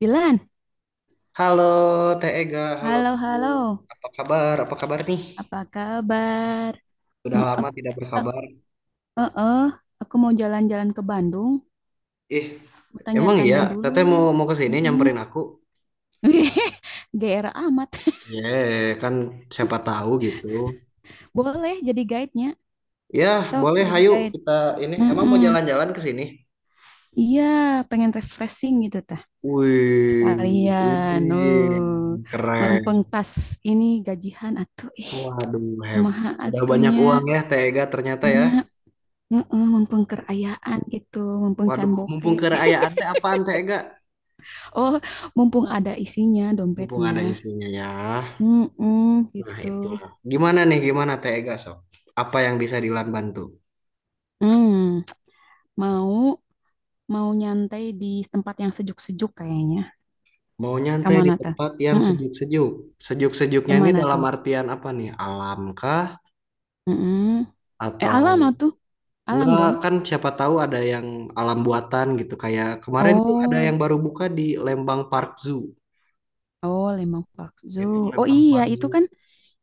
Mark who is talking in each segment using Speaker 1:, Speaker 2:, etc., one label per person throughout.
Speaker 1: Dilan,
Speaker 2: Halo Teh Ega, halo.
Speaker 1: halo halo,
Speaker 2: Apa kabar? Apa kabar nih?
Speaker 1: apa kabar?
Speaker 2: Sudah
Speaker 1: Mu-
Speaker 2: lama
Speaker 1: ak-
Speaker 2: tidak
Speaker 1: ak-
Speaker 2: berkabar.
Speaker 1: eh, eh, aku mau jalan-jalan ke Bandung,
Speaker 2: Ih,
Speaker 1: mau
Speaker 2: emang iya
Speaker 1: tanya-tanya dulu.
Speaker 2: Teteh mau mau ke sini
Speaker 1: Mm-mm.
Speaker 2: nyamperin aku?
Speaker 1: GR amat.
Speaker 2: Ye, kan siapa tahu gitu.
Speaker 1: Boleh jadi guide-nya,
Speaker 2: Ya,
Speaker 1: sok
Speaker 2: boleh
Speaker 1: jadi
Speaker 2: hayu
Speaker 1: guide.
Speaker 2: kita ini emang mau
Speaker 1: Mm-mm.
Speaker 2: jalan-jalan ke sini.
Speaker 1: Iya, pengen refreshing gitu tah.
Speaker 2: Wih,
Speaker 1: Sekalian,
Speaker 2: wih,
Speaker 1: oh,
Speaker 2: keren.
Speaker 1: mempengkas ini gajihan atuh. Ih,
Speaker 2: Waduh, hebat.
Speaker 1: kumaha
Speaker 2: Sudah banyak
Speaker 1: atunya
Speaker 2: uang ya Teh Ega ternyata ya.
Speaker 1: nya, heeh, mempengkerayaan gitu, mempengcan
Speaker 2: Waduh,
Speaker 1: boke.
Speaker 2: mumpung kekayaan teh apaan Teh Ega?
Speaker 1: Oh, mumpung ada isinya
Speaker 2: Mumpung
Speaker 1: dompetnya.
Speaker 2: ada isinya ya.
Speaker 1: Mm-mm,
Speaker 2: Nah,
Speaker 1: gitu.
Speaker 2: itulah. Gimana nih, gimana Tega Sob? Apa yang bisa Dilan bantu?
Speaker 1: Hmm, mau mau nyantai di tempat yang sejuk-sejuk kayaknya.
Speaker 2: Mau nyantai di
Speaker 1: Kemana tuh?
Speaker 2: tempat yang
Speaker 1: Mm-mm.
Speaker 2: sejuk-sejuk. Sejuk-sejuknya ini
Speaker 1: Kemana
Speaker 2: dalam
Speaker 1: tuh?
Speaker 2: artian apa nih? Alam kah?
Speaker 1: Mm-mm. Eh, alam ah
Speaker 2: Atau
Speaker 1: tuh, alam
Speaker 2: enggak
Speaker 1: dong.
Speaker 2: kan siapa tahu ada yang alam buatan gitu. Kayak kemarin tuh ada
Speaker 1: Oh,
Speaker 2: yang baru buka di Lembang Park Zoo.
Speaker 1: oh lemang bakso.
Speaker 2: Itu
Speaker 1: Oh
Speaker 2: Lembang
Speaker 1: iya,
Speaker 2: Park
Speaker 1: itu
Speaker 2: Zoo.
Speaker 1: kan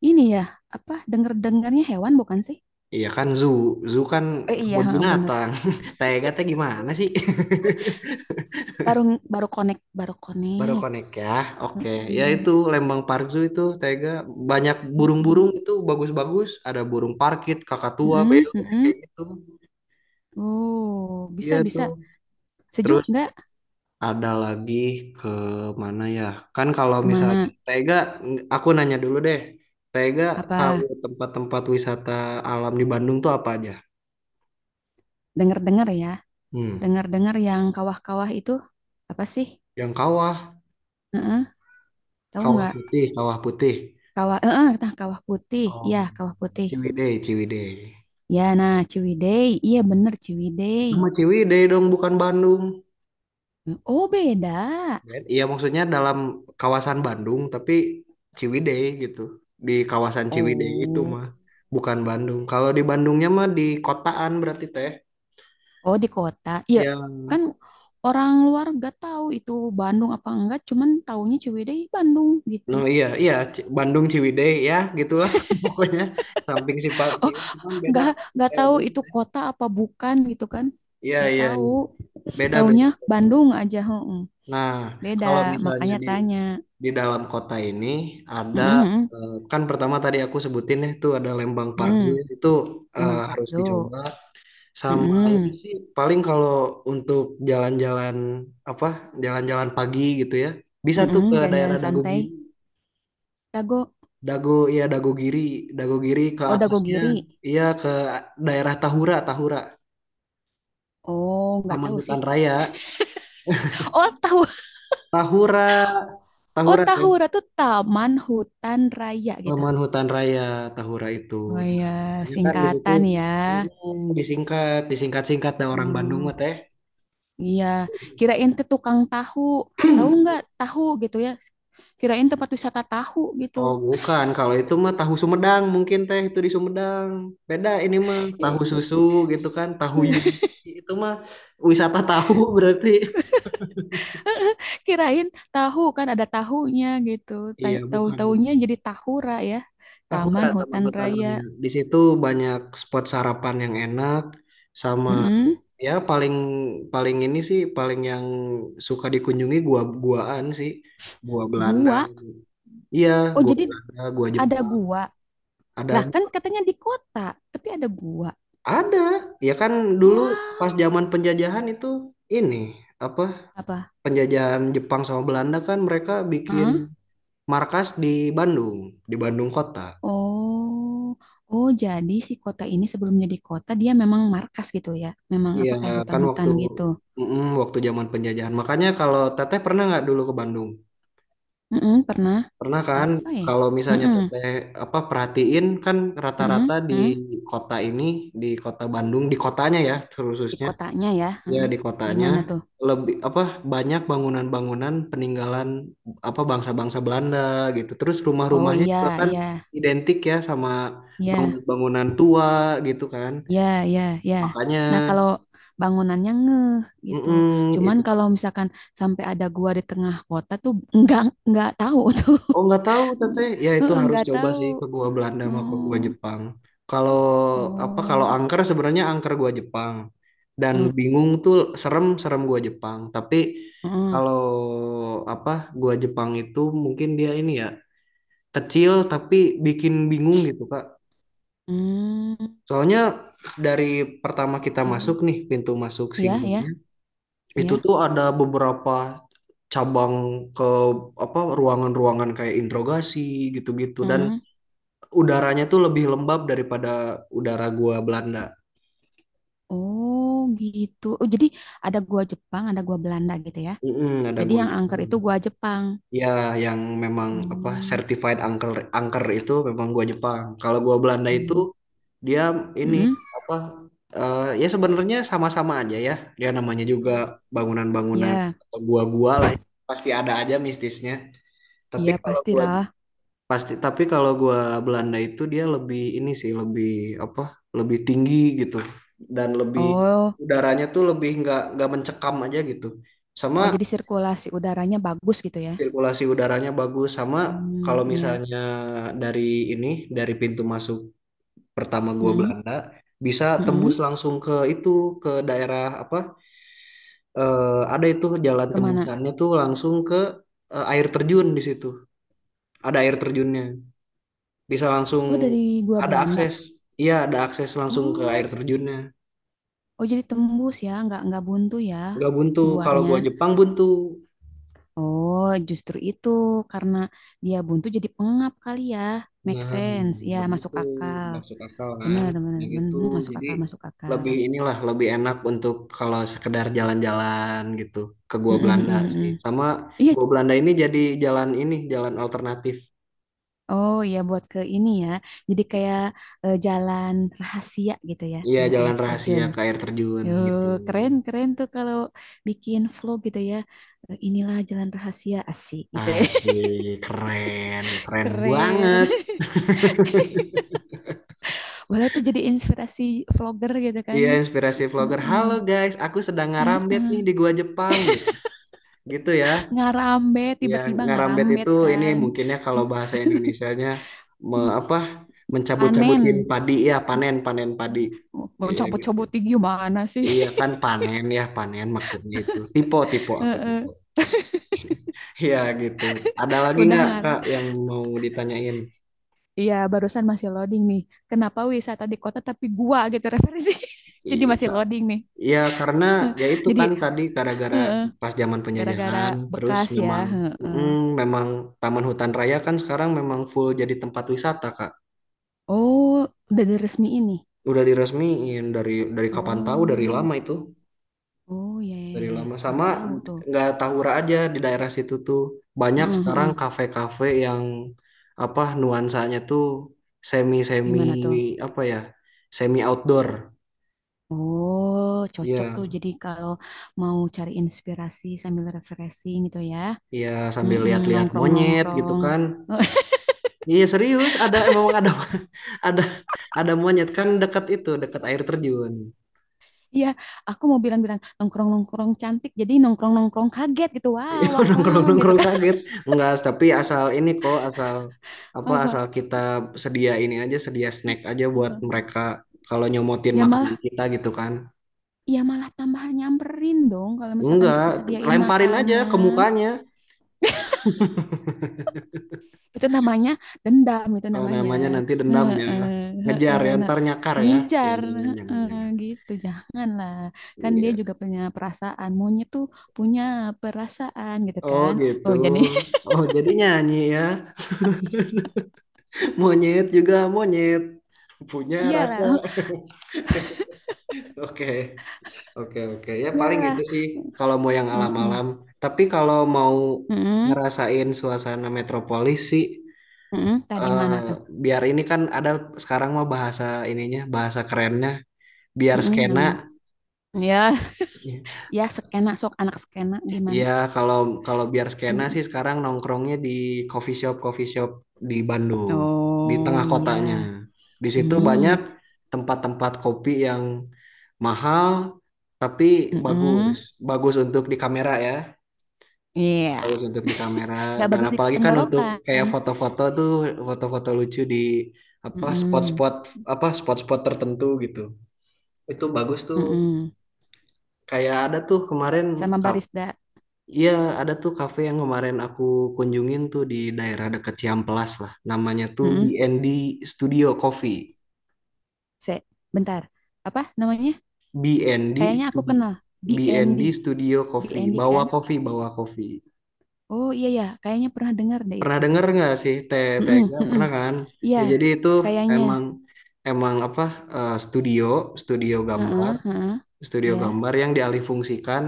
Speaker 1: ini ya apa? Dengar-dengarnya hewan bukan sih?
Speaker 2: Iya kan zoo. Zoo kan
Speaker 1: Eh iya,
Speaker 2: kebun
Speaker 1: heeh, bener.
Speaker 2: binatang. Tega teh gimana sih?
Speaker 1: Baru baru connect, baru
Speaker 2: Baru
Speaker 1: connect.
Speaker 2: connect ya. Oke, ya itu
Speaker 1: Mm-mm.
Speaker 2: Lembang Park Zoo itu Tega banyak burung-burung
Speaker 1: Mm-mm.
Speaker 2: itu bagus-bagus, ada burung parkit, kakatua,
Speaker 1: Mm-mm,
Speaker 2: beo
Speaker 1: mm-mm.
Speaker 2: kayak gitu.
Speaker 1: Oh,
Speaker 2: Iya
Speaker 1: bisa bisa.
Speaker 2: tuh.
Speaker 1: Sejuk
Speaker 2: Terus
Speaker 1: nggak?
Speaker 2: ada lagi ke mana ya? Kan kalau misalnya
Speaker 1: Kemana?
Speaker 2: Tega aku nanya dulu deh. Tega
Speaker 1: Apa
Speaker 2: tahu tempat-tempat wisata alam di Bandung tuh apa aja?
Speaker 1: dengar-dengar ya?
Speaker 2: Hmm,
Speaker 1: Dengar-dengar yang kawah-kawah itu apa sih?
Speaker 2: yang kawah,
Speaker 1: Heeh, tahu nggak?
Speaker 2: kawah putih.
Speaker 1: Kawah, heeh, nah kawah putih.
Speaker 2: Oh,
Speaker 1: Iya, kawah putih.
Speaker 2: Ciwidey.
Speaker 1: Ya, nah Ciwidey. Iya
Speaker 2: Hmm.
Speaker 1: bener Ciwidey.
Speaker 2: Itu mah Ciwidey dong, bukan Bandung.
Speaker 1: Oh beda.
Speaker 2: Ben, iya maksudnya dalam kawasan Bandung tapi Ciwidey gitu. Di kawasan Ciwidey itu
Speaker 1: Oh,
Speaker 2: mah bukan Bandung. Kalau di Bandungnya mah di kotaan berarti teh.
Speaker 1: oh di kota. Iya,
Speaker 2: Ya,
Speaker 1: kan orang luar nggak tahu itu Bandung apa enggak. Cuman taunya Ciwidey Bandung gitu.
Speaker 2: no iya iya C- Bandung Ciwidey ya gitulah pokoknya samping sifat
Speaker 1: Oh,
Speaker 2: sih cuman beda
Speaker 1: nggak
Speaker 2: Kak.
Speaker 1: nggak
Speaker 2: Eh
Speaker 1: tahu
Speaker 2: beda
Speaker 1: itu
Speaker 2: teh.
Speaker 1: kota apa bukan gitu kan?
Speaker 2: Iya
Speaker 1: Nggak
Speaker 2: iya
Speaker 1: tahu.
Speaker 2: Iya. Beda
Speaker 1: Taunya
Speaker 2: Beda. Teh.
Speaker 1: Bandung aja. Heeh.
Speaker 2: Nah,
Speaker 1: Beda,
Speaker 2: kalau misalnya
Speaker 1: makanya
Speaker 2: di
Speaker 1: tanya.
Speaker 2: di dalam kota ini ada
Speaker 1: Mm-mm, mm-mm.
Speaker 2: kan pertama tadi aku sebutin ya tuh ada Lembang Parkir itu,
Speaker 1: Memang
Speaker 2: harus
Speaker 1: Pakzo.
Speaker 2: dicoba. Sama ini
Speaker 1: Mm-mm,
Speaker 2: sih paling kalau untuk jalan-jalan, apa, jalan-jalan pagi gitu ya bisa tuh
Speaker 1: mm-mm.
Speaker 2: ke daerah
Speaker 1: Jalan-jalan
Speaker 2: Dago
Speaker 1: santai.
Speaker 2: Giri.
Speaker 1: Dago,
Speaker 2: Dago, ya Dago Giri, Dago Giri ke
Speaker 1: oh Dago
Speaker 2: atasnya,
Speaker 1: Giri.
Speaker 2: iya ke daerah Tahura. Tahura
Speaker 1: Oh, nggak
Speaker 2: Taman
Speaker 1: tahu sih.
Speaker 2: Hutan Raya.
Speaker 1: Oh tahu,
Speaker 2: Tahura
Speaker 1: oh
Speaker 2: Tahura teh
Speaker 1: tahu Ratu Taman Hutan Raya gitu.
Speaker 2: Taman Hutan Raya. Tahura itu
Speaker 1: Oh ya
Speaker 2: nah biasanya kan di situ,
Speaker 1: singkatan ya.
Speaker 2: disingkat disingkat-singkat ada orang Bandung mah
Speaker 1: Oh
Speaker 2: teh.
Speaker 1: iya, kirain tuh tukang tahu. Tahu nggak tahu gitu ya? Kirain tempat wisata tahu gitu.
Speaker 2: Oh, bukan. Kalau itu mah tahu Sumedang mungkin teh itu di Sumedang. Beda ini mah tahu susu gitu kan, tahu Yudi itu mah wisata tahu berarti.
Speaker 1: Kirain tahu kan ada tahunya gitu.
Speaker 2: Iya,
Speaker 1: Tahu-tahunya
Speaker 2: bukan.
Speaker 1: jadi tahura ya.
Speaker 2: Tahura
Speaker 1: Taman
Speaker 2: Taman
Speaker 1: hutan
Speaker 2: Hutan
Speaker 1: raya.
Speaker 2: Raya. Di situ banyak spot sarapan yang enak sama,
Speaker 1: Mm-mm.
Speaker 2: ya paling paling ini sih paling yang suka dikunjungi gua-guaan sih. Gua Belanda.
Speaker 1: Gua.
Speaker 2: Iya,
Speaker 1: Oh,
Speaker 2: gua
Speaker 1: jadi
Speaker 2: Belanda, gua
Speaker 1: ada
Speaker 2: Jepang.
Speaker 1: gua. Lah,
Speaker 2: Ada.
Speaker 1: kan katanya di kota, tapi ada gua.
Speaker 2: Ada, ya kan dulu
Speaker 1: Wah,
Speaker 2: pas zaman penjajahan itu ini apa,
Speaker 1: apa?
Speaker 2: penjajahan Jepang sama Belanda kan mereka bikin
Speaker 1: Heeh.
Speaker 2: markas di Bandung kota.
Speaker 1: Oh. Oh, jadi si kota ini sebelum jadi kota dia memang markas gitu ya. Memang
Speaker 2: Iya
Speaker 1: apa kayak
Speaker 2: kan waktu
Speaker 1: hutan-hutan gitu.
Speaker 2: waktu zaman penjajahan. Makanya kalau Teteh pernah nggak dulu ke Bandung?
Speaker 1: Mm-mm, pernah
Speaker 2: Pernah kan?
Speaker 1: apa ya?
Speaker 2: Kalau misalnya
Speaker 1: Mm-mm,
Speaker 2: Teteh apa perhatiin kan
Speaker 1: mm-mm,
Speaker 2: rata-rata di
Speaker 1: mm.
Speaker 2: kota ini, di kota Bandung, di kotanya ya, terus
Speaker 1: Di kotanya ya.
Speaker 2: ya
Speaker 1: Heeh.
Speaker 2: di kotanya
Speaker 1: Gimana tuh?
Speaker 2: lebih apa banyak bangunan-bangunan peninggalan apa bangsa-bangsa Belanda gitu. Terus
Speaker 1: Oh
Speaker 2: rumah-rumahnya juga
Speaker 1: iya,
Speaker 2: kan
Speaker 1: iya.
Speaker 2: identik ya sama
Speaker 1: Ya,
Speaker 2: bangunan-bangunan tua gitu kan.
Speaker 1: ya, ya, ya.
Speaker 2: Makanya
Speaker 1: Nah, kalau bangunannya ngeh gitu.
Speaker 2: mm-mm,
Speaker 1: Cuman
Speaker 2: itu
Speaker 1: kalau misalkan sampai ada gua di tengah kota tuh nggak nggak tahu tuh.
Speaker 2: oh nggak tahu teteh ya itu
Speaker 1: Heeh,
Speaker 2: harus
Speaker 1: nggak
Speaker 2: coba
Speaker 1: tahu.
Speaker 2: sih ke gua Belanda sama ke gua
Speaker 1: Oh,
Speaker 2: Jepang. Kalau apa kalau
Speaker 1: oh,
Speaker 2: angker sebenarnya angker gua Jepang dan
Speaker 1: oh,
Speaker 2: bingung tuh serem serem gua Jepang. Tapi
Speaker 1: heeh.
Speaker 2: kalau apa gua Jepang itu mungkin dia ini ya kecil tapi bikin bingung gitu Kak.
Speaker 1: Hmm,
Speaker 2: Soalnya dari pertama kita masuk
Speaker 1: kecil.
Speaker 2: nih pintu masuk si
Speaker 1: Ya, ya,
Speaker 2: guanya itu
Speaker 1: ya.
Speaker 2: tuh ada beberapa cabang ke apa ruangan-ruangan kayak interogasi gitu-gitu dan
Speaker 1: Heeh.
Speaker 2: udaranya tuh lebih lembab daripada udara gua Belanda.
Speaker 1: Oh, gitu. Oh, jadi ada gua Jepang, ada gua Belanda gitu ya.
Speaker 2: Mm-mm, ada
Speaker 1: Jadi
Speaker 2: gua
Speaker 1: yang angker
Speaker 2: Jepang.
Speaker 1: itu gua Jepang.
Speaker 2: Ya, yang memang apa
Speaker 1: Hmm.
Speaker 2: certified angker, angker itu memang gua Jepang. Kalau gua Belanda itu
Speaker 1: Hmm.
Speaker 2: dia ini
Speaker 1: Mm-mm.
Speaker 2: apa, ya sebenarnya sama-sama aja ya. Dia namanya juga
Speaker 1: Mm-mm.
Speaker 2: bangunan-bangunan
Speaker 1: Ya,
Speaker 2: atau gua-gua lah ya. Pasti ada aja mistisnya. Tapi
Speaker 1: iya
Speaker 2: kalau gua
Speaker 1: pastilah.
Speaker 2: pasti, tapi kalau gua Belanda itu dia lebih ini sih lebih apa? Lebih tinggi gitu dan lebih
Speaker 1: Oh,
Speaker 2: udaranya tuh lebih nggak mencekam aja gitu. Sama
Speaker 1: oh jadi sirkulasi udaranya bagus gitu ya?
Speaker 2: sirkulasi udaranya bagus, sama
Speaker 1: Hmm,
Speaker 2: kalau
Speaker 1: iya.
Speaker 2: misalnya dari ini, dari pintu masuk pertama gua
Speaker 1: Mm-mm,
Speaker 2: Belanda bisa
Speaker 1: mm-mm.
Speaker 2: tembus langsung ke itu ke daerah apa, ada itu jalan
Speaker 1: Kemana?
Speaker 2: tembusannya tuh langsung ke, air terjun di situ ada air terjunnya bisa
Speaker 1: Oh, dari
Speaker 2: langsung
Speaker 1: gua
Speaker 2: ada
Speaker 1: Belanda.
Speaker 2: akses, iya ada akses langsung ke air
Speaker 1: Oh,
Speaker 2: terjunnya
Speaker 1: oh jadi tembus ya, nggak buntu ya
Speaker 2: nggak buntu. Kalau
Speaker 1: guanya.
Speaker 2: gua Jepang buntu.
Speaker 1: Oh, justru itu karena dia buntu jadi pengap kali ya. Make
Speaker 2: Nah,
Speaker 1: sense, ya masuk
Speaker 2: begitu
Speaker 1: akal.
Speaker 2: masuk akal kan?
Speaker 1: Bener, bener,
Speaker 2: Ya
Speaker 1: bener.
Speaker 2: gitu.
Speaker 1: Hmm, masuk
Speaker 2: Jadi
Speaker 1: akal, masuk akal.
Speaker 2: lebih inilah lebih enak untuk kalau sekedar jalan-jalan gitu ke Gua
Speaker 1: Mm-mm,
Speaker 2: Belanda sih.
Speaker 1: mm-mm.
Speaker 2: Sama
Speaker 1: Iya.
Speaker 2: Gua Belanda ini jadi jalan ini, jalan alternatif.
Speaker 1: Oh iya buat ke ini ya. Jadi kayak eh, jalan rahasia gitu ya
Speaker 2: Iya,
Speaker 1: ke
Speaker 2: jalan
Speaker 1: air
Speaker 2: rahasia
Speaker 1: terjun.
Speaker 2: ke air terjun gitu.
Speaker 1: Yuh, keren keren tuh kalau bikin vlog gitu ya. Eh, inilah jalan rahasia asik gitu ya.
Speaker 2: Asik, keren
Speaker 1: Keren.
Speaker 2: banget.
Speaker 1: Boleh tuh jadi inspirasi vlogger gitu kan
Speaker 2: Iya,
Speaker 1: ya.
Speaker 2: inspirasi vlogger.
Speaker 1: Heeh,
Speaker 2: Halo guys, aku sedang ngarambet nih
Speaker 1: heeh.
Speaker 2: di Gua Jepang. Gitu ya.
Speaker 1: Ngarambet
Speaker 2: Ya,
Speaker 1: tiba-tiba
Speaker 2: ngarambet itu
Speaker 1: ngarambet
Speaker 2: ini
Speaker 1: kan.
Speaker 2: mungkinnya kalau bahasa Indonesianya me, apa
Speaker 1: Panen.
Speaker 2: mencabut-cabutin padi ya panen, panen padi.
Speaker 1: Mau
Speaker 2: Iya gitu.
Speaker 1: cobot-cobotin gimana sih?
Speaker 2: Iya kan panen ya panen maksudnya itu. Tipe tipe aku tipe.
Speaker 1: Heeh.
Speaker 2: Iya gitu. Ada lagi
Speaker 1: Udah
Speaker 2: nggak Kak
Speaker 1: ngarang.
Speaker 2: yang mau ditanyain?
Speaker 1: Iya, barusan masih loading nih. Kenapa wisata di kota tapi gua gitu referensi. Jadi
Speaker 2: I-
Speaker 1: masih
Speaker 2: Ka-
Speaker 1: loading nih.
Speaker 2: Iya karena
Speaker 1: Eh,
Speaker 2: ya itu
Speaker 1: jadi
Speaker 2: kan tadi gara-gara
Speaker 1: heeh.
Speaker 2: pas zaman
Speaker 1: Gara-gara
Speaker 2: penjajahan terus
Speaker 1: bekas ya.
Speaker 2: memang
Speaker 1: Heeh.
Speaker 2: mm, memang Taman Hutan Raya kan sekarang memang full jadi tempat wisata Kak.
Speaker 1: Oh, udah diresmi ini.
Speaker 2: Udah diresmiin dari kapan tahu, dari
Speaker 1: Oh,
Speaker 2: lama itu,
Speaker 1: oh ya, ya,
Speaker 2: dari
Speaker 1: ya, ya.
Speaker 2: lama.
Speaker 1: Baru
Speaker 2: Sama
Speaker 1: tahu tuh.
Speaker 2: nggak tahura aja di daerah situ tuh banyak
Speaker 1: Heeh,
Speaker 2: sekarang
Speaker 1: heeh.
Speaker 2: kafe-kafe yang apa nuansanya tuh semi semi
Speaker 1: Gimana tuh?
Speaker 2: apa ya semi outdoor.
Speaker 1: Oh, cocok tuh.
Speaker 2: Ya,
Speaker 1: Jadi kalau mau cari inspirasi sambil refreshing gitu ya.
Speaker 2: ya sambil
Speaker 1: Mm-mm,
Speaker 2: lihat-lihat monyet gitu
Speaker 1: nongkrong-nongkrong.
Speaker 2: kan. Iya serius ada, emang ada ada ada monyet kan dekat itu, dekat air terjun.
Speaker 1: Iya, aku mau bilang-bilang nongkrong-nongkrong cantik. Jadi nongkrong-nongkrong kaget gitu.
Speaker 2: Iya
Speaker 1: Wow, wow,
Speaker 2: nongkrong
Speaker 1: wow gitu
Speaker 2: nongkrong
Speaker 1: kan.
Speaker 2: kaget, enggak tapi asal ini kok, asal apa,
Speaker 1: Apa?
Speaker 2: asal kita sedia ini aja sedia snack aja buat
Speaker 1: Heeh.
Speaker 2: mereka kalau nyomotin
Speaker 1: Ya
Speaker 2: makanan
Speaker 1: malah,
Speaker 2: kita gitu kan.
Speaker 1: ya malah tambah nyamperin dong kalau misalkan
Speaker 2: Enggak,
Speaker 1: kita sediain
Speaker 2: lemparin aja ke
Speaker 1: makanan.
Speaker 2: mukanya.
Speaker 1: Itu namanya dendam itu
Speaker 2: Eh,
Speaker 1: namanya.
Speaker 2: namanya nanti dendam
Speaker 1: Heeh,
Speaker 2: ya, ngejar
Speaker 1: heeh,
Speaker 2: ya
Speaker 1: nah,
Speaker 2: ntar nyakar ya, ya
Speaker 1: ngejar
Speaker 2: jangan jangan
Speaker 1: heeh,
Speaker 2: jangan.
Speaker 1: gitu janganlah kan dia
Speaker 2: Iya.
Speaker 1: juga punya perasaan monyet tuh punya perasaan gitu
Speaker 2: Oh
Speaker 1: kan
Speaker 2: gitu,
Speaker 1: oh jadi.
Speaker 2: oh jadi nyanyi ya. Monyet juga monyet punya rasa.
Speaker 1: Iyalah,
Speaker 2: Oke. Oke oke ya paling
Speaker 1: iyalah.
Speaker 2: itu sih kalau mau yang
Speaker 1: Heeh,
Speaker 2: alam-alam. Tapi kalau mau
Speaker 1: heeh,
Speaker 2: ngerasain suasana metropolis sih,
Speaker 1: heeh. Tadi
Speaker 2: eh,
Speaker 1: mana tuh?
Speaker 2: biar ini kan ada sekarang mah bahasa ininya bahasa kerennya biar
Speaker 1: Heeh,
Speaker 2: skena.
Speaker 1: naon tuh? Ya, ya skena sok anak skena gimana.
Speaker 2: Iya kalau kalau biar skena
Speaker 1: Heeh.
Speaker 2: sih sekarang nongkrongnya di coffee shop di Bandung di
Speaker 1: Oh
Speaker 2: tengah
Speaker 1: iya.
Speaker 2: kotanya. Di situ
Speaker 1: Hmm,
Speaker 2: banyak tempat-tempat kopi yang mahal tapi
Speaker 1: heeh.
Speaker 2: bagus, bagus untuk di kamera ya.
Speaker 1: Iya,
Speaker 2: Bagus untuk di kamera,
Speaker 1: nggak
Speaker 2: dan
Speaker 1: bagus di
Speaker 2: apalagi kan untuk kayak
Speaker 1: tenggorokan.
Speaker 2: foto-foto tuh, foto-foto lucu di apa
Speaker 1: Mm-mm.
Speaker 2: spot-spot, apa spot-spot tertentu gitu itu bagus tuh
Speaker 1: Mm-mm.
Speaker 2: kayak ada tuh kemarin
Speaker 1: Sama
Speaker 2: ka-
Speaker 1: barista.
Speaker 2: iya ada tuh kafe yang kemarin aku kunjungin tuh di daerah dekat Ciamplas lah namanya tuh
Speaker 1: Mm-mm.
Speaker 2: BND Studio Coffee.
Speaker 1: Se, bentar. Apa namanya?
Speaker 2: BND
Speaker 1: Kayaknya aku
Speaker 2: Studio,
Speaker 1: kenal. BND.
Speaker 2: BND Studio Coffee,
Speaker 1: BND
Speaker 2: bawa
Speaker 1: kan?
Speaker 2: kopi bawa kopi.
Speaker 1: Oh iya ya, kayaknya pernah dengar deh
Speaker 2: Pernah
Speaker 1: itu tuh.
Speaker 2: denger nggak sih Te-
Speaker 1: Mm-mm,
Speaker 2: Tega?
Speaker 1: mm-mm.
Speaker 2: Pernah kan?
Speaker 1: Iya,
Speaker 2: Ya jadi itu
Speaker 1: kayaknya.
Speaker 2: emang emang apa, studio studio gambar
Speaker 1: Heeh, heeh.
Speaker 2: studio
Speaker 1: Iya,
Speaker 2: gambar yang dialihfungsikan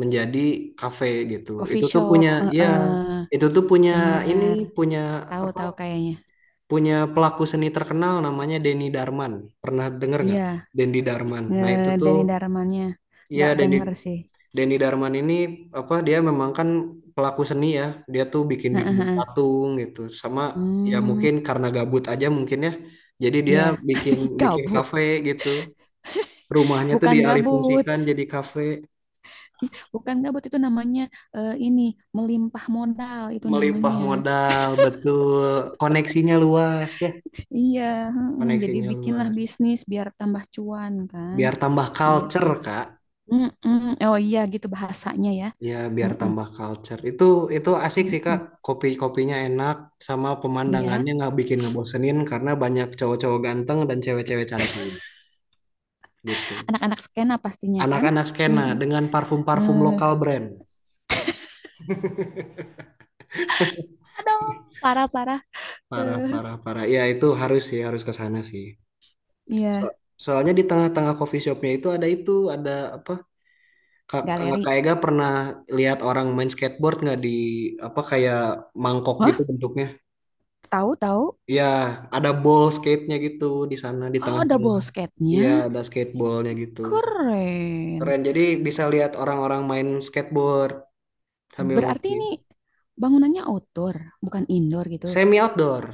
Speaker 2: menjadi kafe gitu.
Speaker 1: coffee
Speaker 2: Itu tuh
Speaker 1: shop.
Speaker 2: punya, ya
Speaker 1: Heeh,
Speaker 2: itu tuh punya ini,
Speaker 1: bener.
Speaker 2: punya apa,
Speaker 1: Tahu-tahu kayaknya.
Speaker 2: punya pelaku seni terkenal namanya Denny Darman. Pernah denger
Speaker 1: Iya,
Speaker 2: nggak? Denny Darman. Nah itu
Speaker 1: Denny
Speaker 2: tuh
Speaker 1: Darmannya.
Speaker 2: ya
Speaker 1: Nggak
Speaker 2: Denny,
Speaker 1: denger sih.
Speaker 2: Denny Darman ini apa dia memang kan pelaku seni ya. Dia tuh
Speaker 1: Heeh,
Speaker 2: bikin-bikin
Speaker 1: heeh.
Speaker 2: patung gitu. Sama ya
Speaker 1: Hmm,
Speaker 2: mungkin karena gabut aja mungkin ya. Jadi dia
Speaker 1: iya,
Speaker 2: bikin bikin
Speaker 1: gabut.
Speaker 2: kafe gitu. Rumahnya tuh
Speaker 1: Bukan gabut.
Speaker 2: dialihfungsikan jadi kafe.
Speaker 1: Bukan gabut itu namanya eh, ini melimpah modal itu
Speaker 2: Melimpah
Speaker 1: namanya.
Speaker 2: modal, betul. Koneksinya luas ya.
Speaker 1: Iya, heeh. Jadi
Speaker 2: Koneksinya
Speaker 1: bikinlah
Speaker 2: luas.
Speaker 1: bisnis biar tambah cuan kan,
Speaker 2: Biar tambah
Speaker 1: gitu.
Speaker 2: culture, Kak.
Speaker 1: Mm-mm. Oh iya gitu bahasanya ya.
Speaker 2: Ya biar
Speaker 1: Mm-mm.
Speaker 2: tambah culture. Itu asik sih Kak.
Speaker 1: Mm-mm.
Speaker 2: Kopi-kopinya enak sama pemandangannya
Speaker 1: Iya,
Speaker 2: nggak bikin ngebosenin karena banyak cowok-cowok ganteng dan cewek-cewek cantik gitu.
Speaker 1: anak-anak skena pastinya kan.
Speaker 2: Anak-anak skena
Speaker 1: Mm.
Speaker 2: dengan parfum-parfum
Speaker 1: Eh,
Speaker 2: lokal brand.
Speaker 1: aduh, parah-parah. Eh,
Speaker 2: Parah. Ya itu harus sih, harus ke sana sih.
Speaker 1: iya,
Speaker 2: So- soalnya di tengah-tengah coffee shopnya itu, ada apa? Kak, Kak
Speaker 1: galeri.
Speaker 2: Ega pernah lihat orang main skateboard nggak di apa kayak mangkok gitu
Speaker 1: Wah,
Speaker 2: bentuknya?
Speaker 1: tahu-tahu.
Speaker 2: Iya, ada ball skate-nya gitu di sana di
Speaker 1: Oh,
Speaker 2: tengah-tengah.
Speaker 1: double
Speaker 2: Iya,
Speaker 1: skate-nya.
Speaker 2: ada skateballnya gitu.
Speaker 1: Keren.
Speaker 2: Keren. Jadi bisa lihat orang-orang main skateboard sambil
Speaker 1: Berarti
Speaker 2: ngopi.
Speaker 1: ini bangunannya outdoor, bukan indoor gitu.
Speaker 2: Semi outdoor.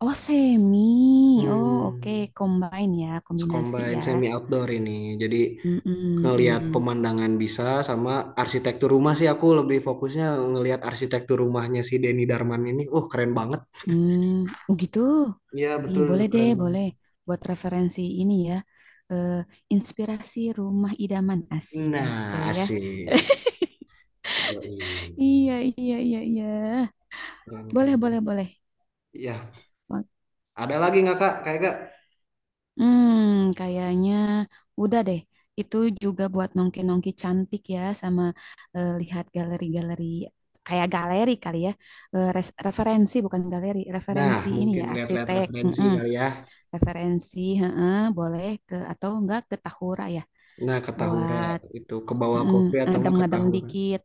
Speaker 1: Oh, semi. Oh, oke.
Speaker 2: Hmm,
Speaker 1: Combine ya, kombinasi
Speaker 2: combine semi
Speaker 1: ya.
Speaker 2: outdoor ini. Jadi
Speaker 1: Hmm, hmm,
Speaker 2: ngelihat
Speaker 1: hmm.
Speaker 2: pemandangan bisa sama arsitektur rumah sih aku lebih fokusnya ngelihat arsitektur rumahnya si Denny Darman ini. Keren banget.
Speaker 1: Hmm, oh gitu.
Speaker 2: Iya,
Speaker 1: Ih,
Speaker 2: betul,
Speaker 1: boleh deh,
Speaker 2: keren
Speaker 1: boleh.
Speaker 2: banget.
Speaker 1: Buat referensi ini ya. Eh, inspirasi rumah idaman asik gitu
Speaker 2: Nah,
Speaker 1: ya.
Speaker 2: asik. Yoi.
Speaker 1: Iya, iya, iya, iya.
Speaker 2: Keren,
Speaker 1: Boleh,
Speaker 2: keren.
Speaker 1: boleh, boleh.
Speaker 2: Ya, ada lagi nggak Kak? Kayak gak?
Speaker 1: Hmm, kayaknya udah deh. Itu juga buat nongki-nongki cantik ya, sama eh, lihat galeri-galeri, kayak galeri kali ya. Eh, referensi bukan galeri,
Speaker 2: Nah,
Speaker 1: referensi ini
Speaker 2: mungkin
Speaker 1: ya
Speaker 2: lihat-lihat
Speaker 1: arsitek.
Speaker 2: referensi
Speaker 1: Mm-mm.
Speaker 2: kali ya.
Speaker 1: Referensi, heeh, boleh ke atau enggak ke Tahura ya,
Speaker 2: Nah, ke Tahura
Speaker 1: buat
Speaker 2: itu ke bawah
Speaker 1: mm,
Speaker 2: kopi atau enggak ke
Speaker 1: ngedem-ngedem
Speaker 2: Tahura.
Speaker 1: dikit.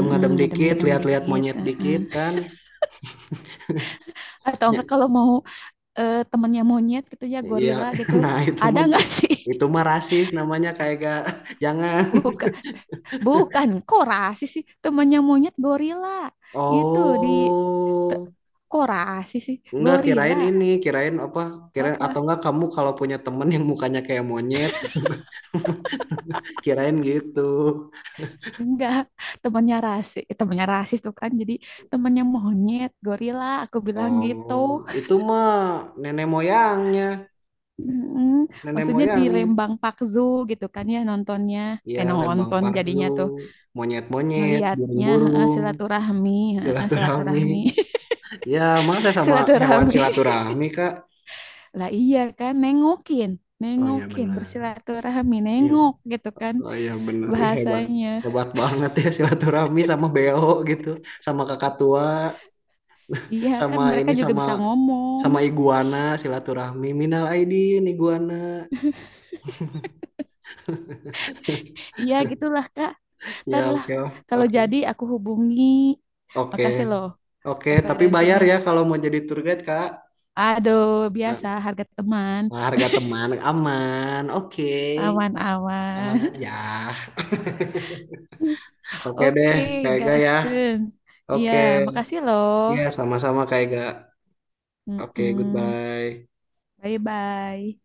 Speaker 1: Mm-mm,
Speaker 2: dikit,
Speaker 1: ngedem-ngedem
Speaker 2: lihat-lihat
Speaker 1: dikit.
Speaker 2: monyet
Speaker 1: Heeh.
Speaker 2: dikit kan.
Speaker 1: Atau
Speaker 2: Ya,
Speaker 1: enggak kalau mau eh, temennya monyet gitu ya,
Speaker 2: ya,
Speaker 1: gorila gitu,
Speaker 2: nah
Speaker 1: ada enggak sih?
Speaker 2: itu mah rasis namanya kayak gak jangan.
Speaker 1: Bukan. Bukan, kok rasis sih temannya monyet gorila. Itu di te-
Speaker 2: Oh,
Speaker 1: kok rasis sih
Speaker 2: enggak
Speaker 1: gorila
Speaker 2: kirain ini, kirain apa? Kirain atau
Speaker 1: apa?
Speaker 2: enggak kamu kalau punya temen yang mukanya kayak monyet gitu. Kirain gitu.
Speaker 1: Enggak, temannya rasis, eh, temannya rasis tuh kan. Jadi temannya monyet gorila, aku bilang gitu.
Speaker 2: Oh, itu mah nenek moyangnya,
Speaker 1: Mm-mm.
Speaker 2: nenek
Speaker 1: Maksudnya di
Speaker 2: moyangnya.
Speaker 1: Lembang Park Zoo gitu kan ya nontonnya.
Speaker 2: Iya,
Speaker 1: Eh
Speaker 2: Lembang
Speaker 1: nonton
Speaker 2: Parjo,
Speaker 1: jadinya tuh
Speaker 2: monyet-monyet,
Speaker 1: ngelihatnya heeh,
Speaker 2: burung-burung,
Speaker 1: silaturahmi, heeh,
Speaker 2: silaturahmi.
Speaker 1: silaturahmi.
Speaker 2: Ya, masa sama hewan
Speaker 1: Silaturahmi.
Speaker 2: silaturahmi, Kak?
Speaker 1: Lah iya kan, nengokin,
Speaker 2: Oh ya
Speaker 1: nengokin,
Speaker 2: benar.
Speaker 1: bersilaturahmi,
Speaker 2: Iya.
Speaker 1: nengok gitu kan
Speaker 2: Oh iya benar. Ih hebat.
Speaker 1: bahasanya.
Speaker 2: Hebat banget ya silaturahmi sama beo gitu, sama kakak tua,
Speaker 1: Iya kan
Speaker 2: sama
Speaker 1: mereka
Speaker 2: ini
Speaker 1: juga
Speaker 2: sama
Speaker 1: bisa ngomong.
Speaker 2: sama iguana silaturahmi. Minal Aidin iguana.
Speaker 1: Iya gitulah Kak.
Speaker 2: Ya,
Speaker 1: Ntar lah
Speaker 2: oke lah.
Speaker 1: kalau
Speaker 2: Oke.
Speaker 1: jadi aku hubungi.
Speaker 2: Oke.
Speaker 1: Makasih loh
Speaker 2: Oke, tapi bayar
Speaker 1: referensinya.
Speaker 2: ya kalau mau jadi tour guide, Kak.
Speaker 1: Aduh, biasa harga teman.
Speaker 2: Nah, harga teman aman. Oke. Aman
Speaker 1: Aman-aman.
Speaker 2: aja. Oke deh,
Speaker 1: Oke,
Speaker 2: Kak Ega ya.
Speaker 1: gaskeun. Iya,
Speaker 2: Oke,
Speaker 1: makasih loh.
Speaker 2: ya sama-sama Kak Ega. Oke,
Speaker 1: Mm-mm.
Speaker 2: goodbye.
Speaker 1: Bye-bye.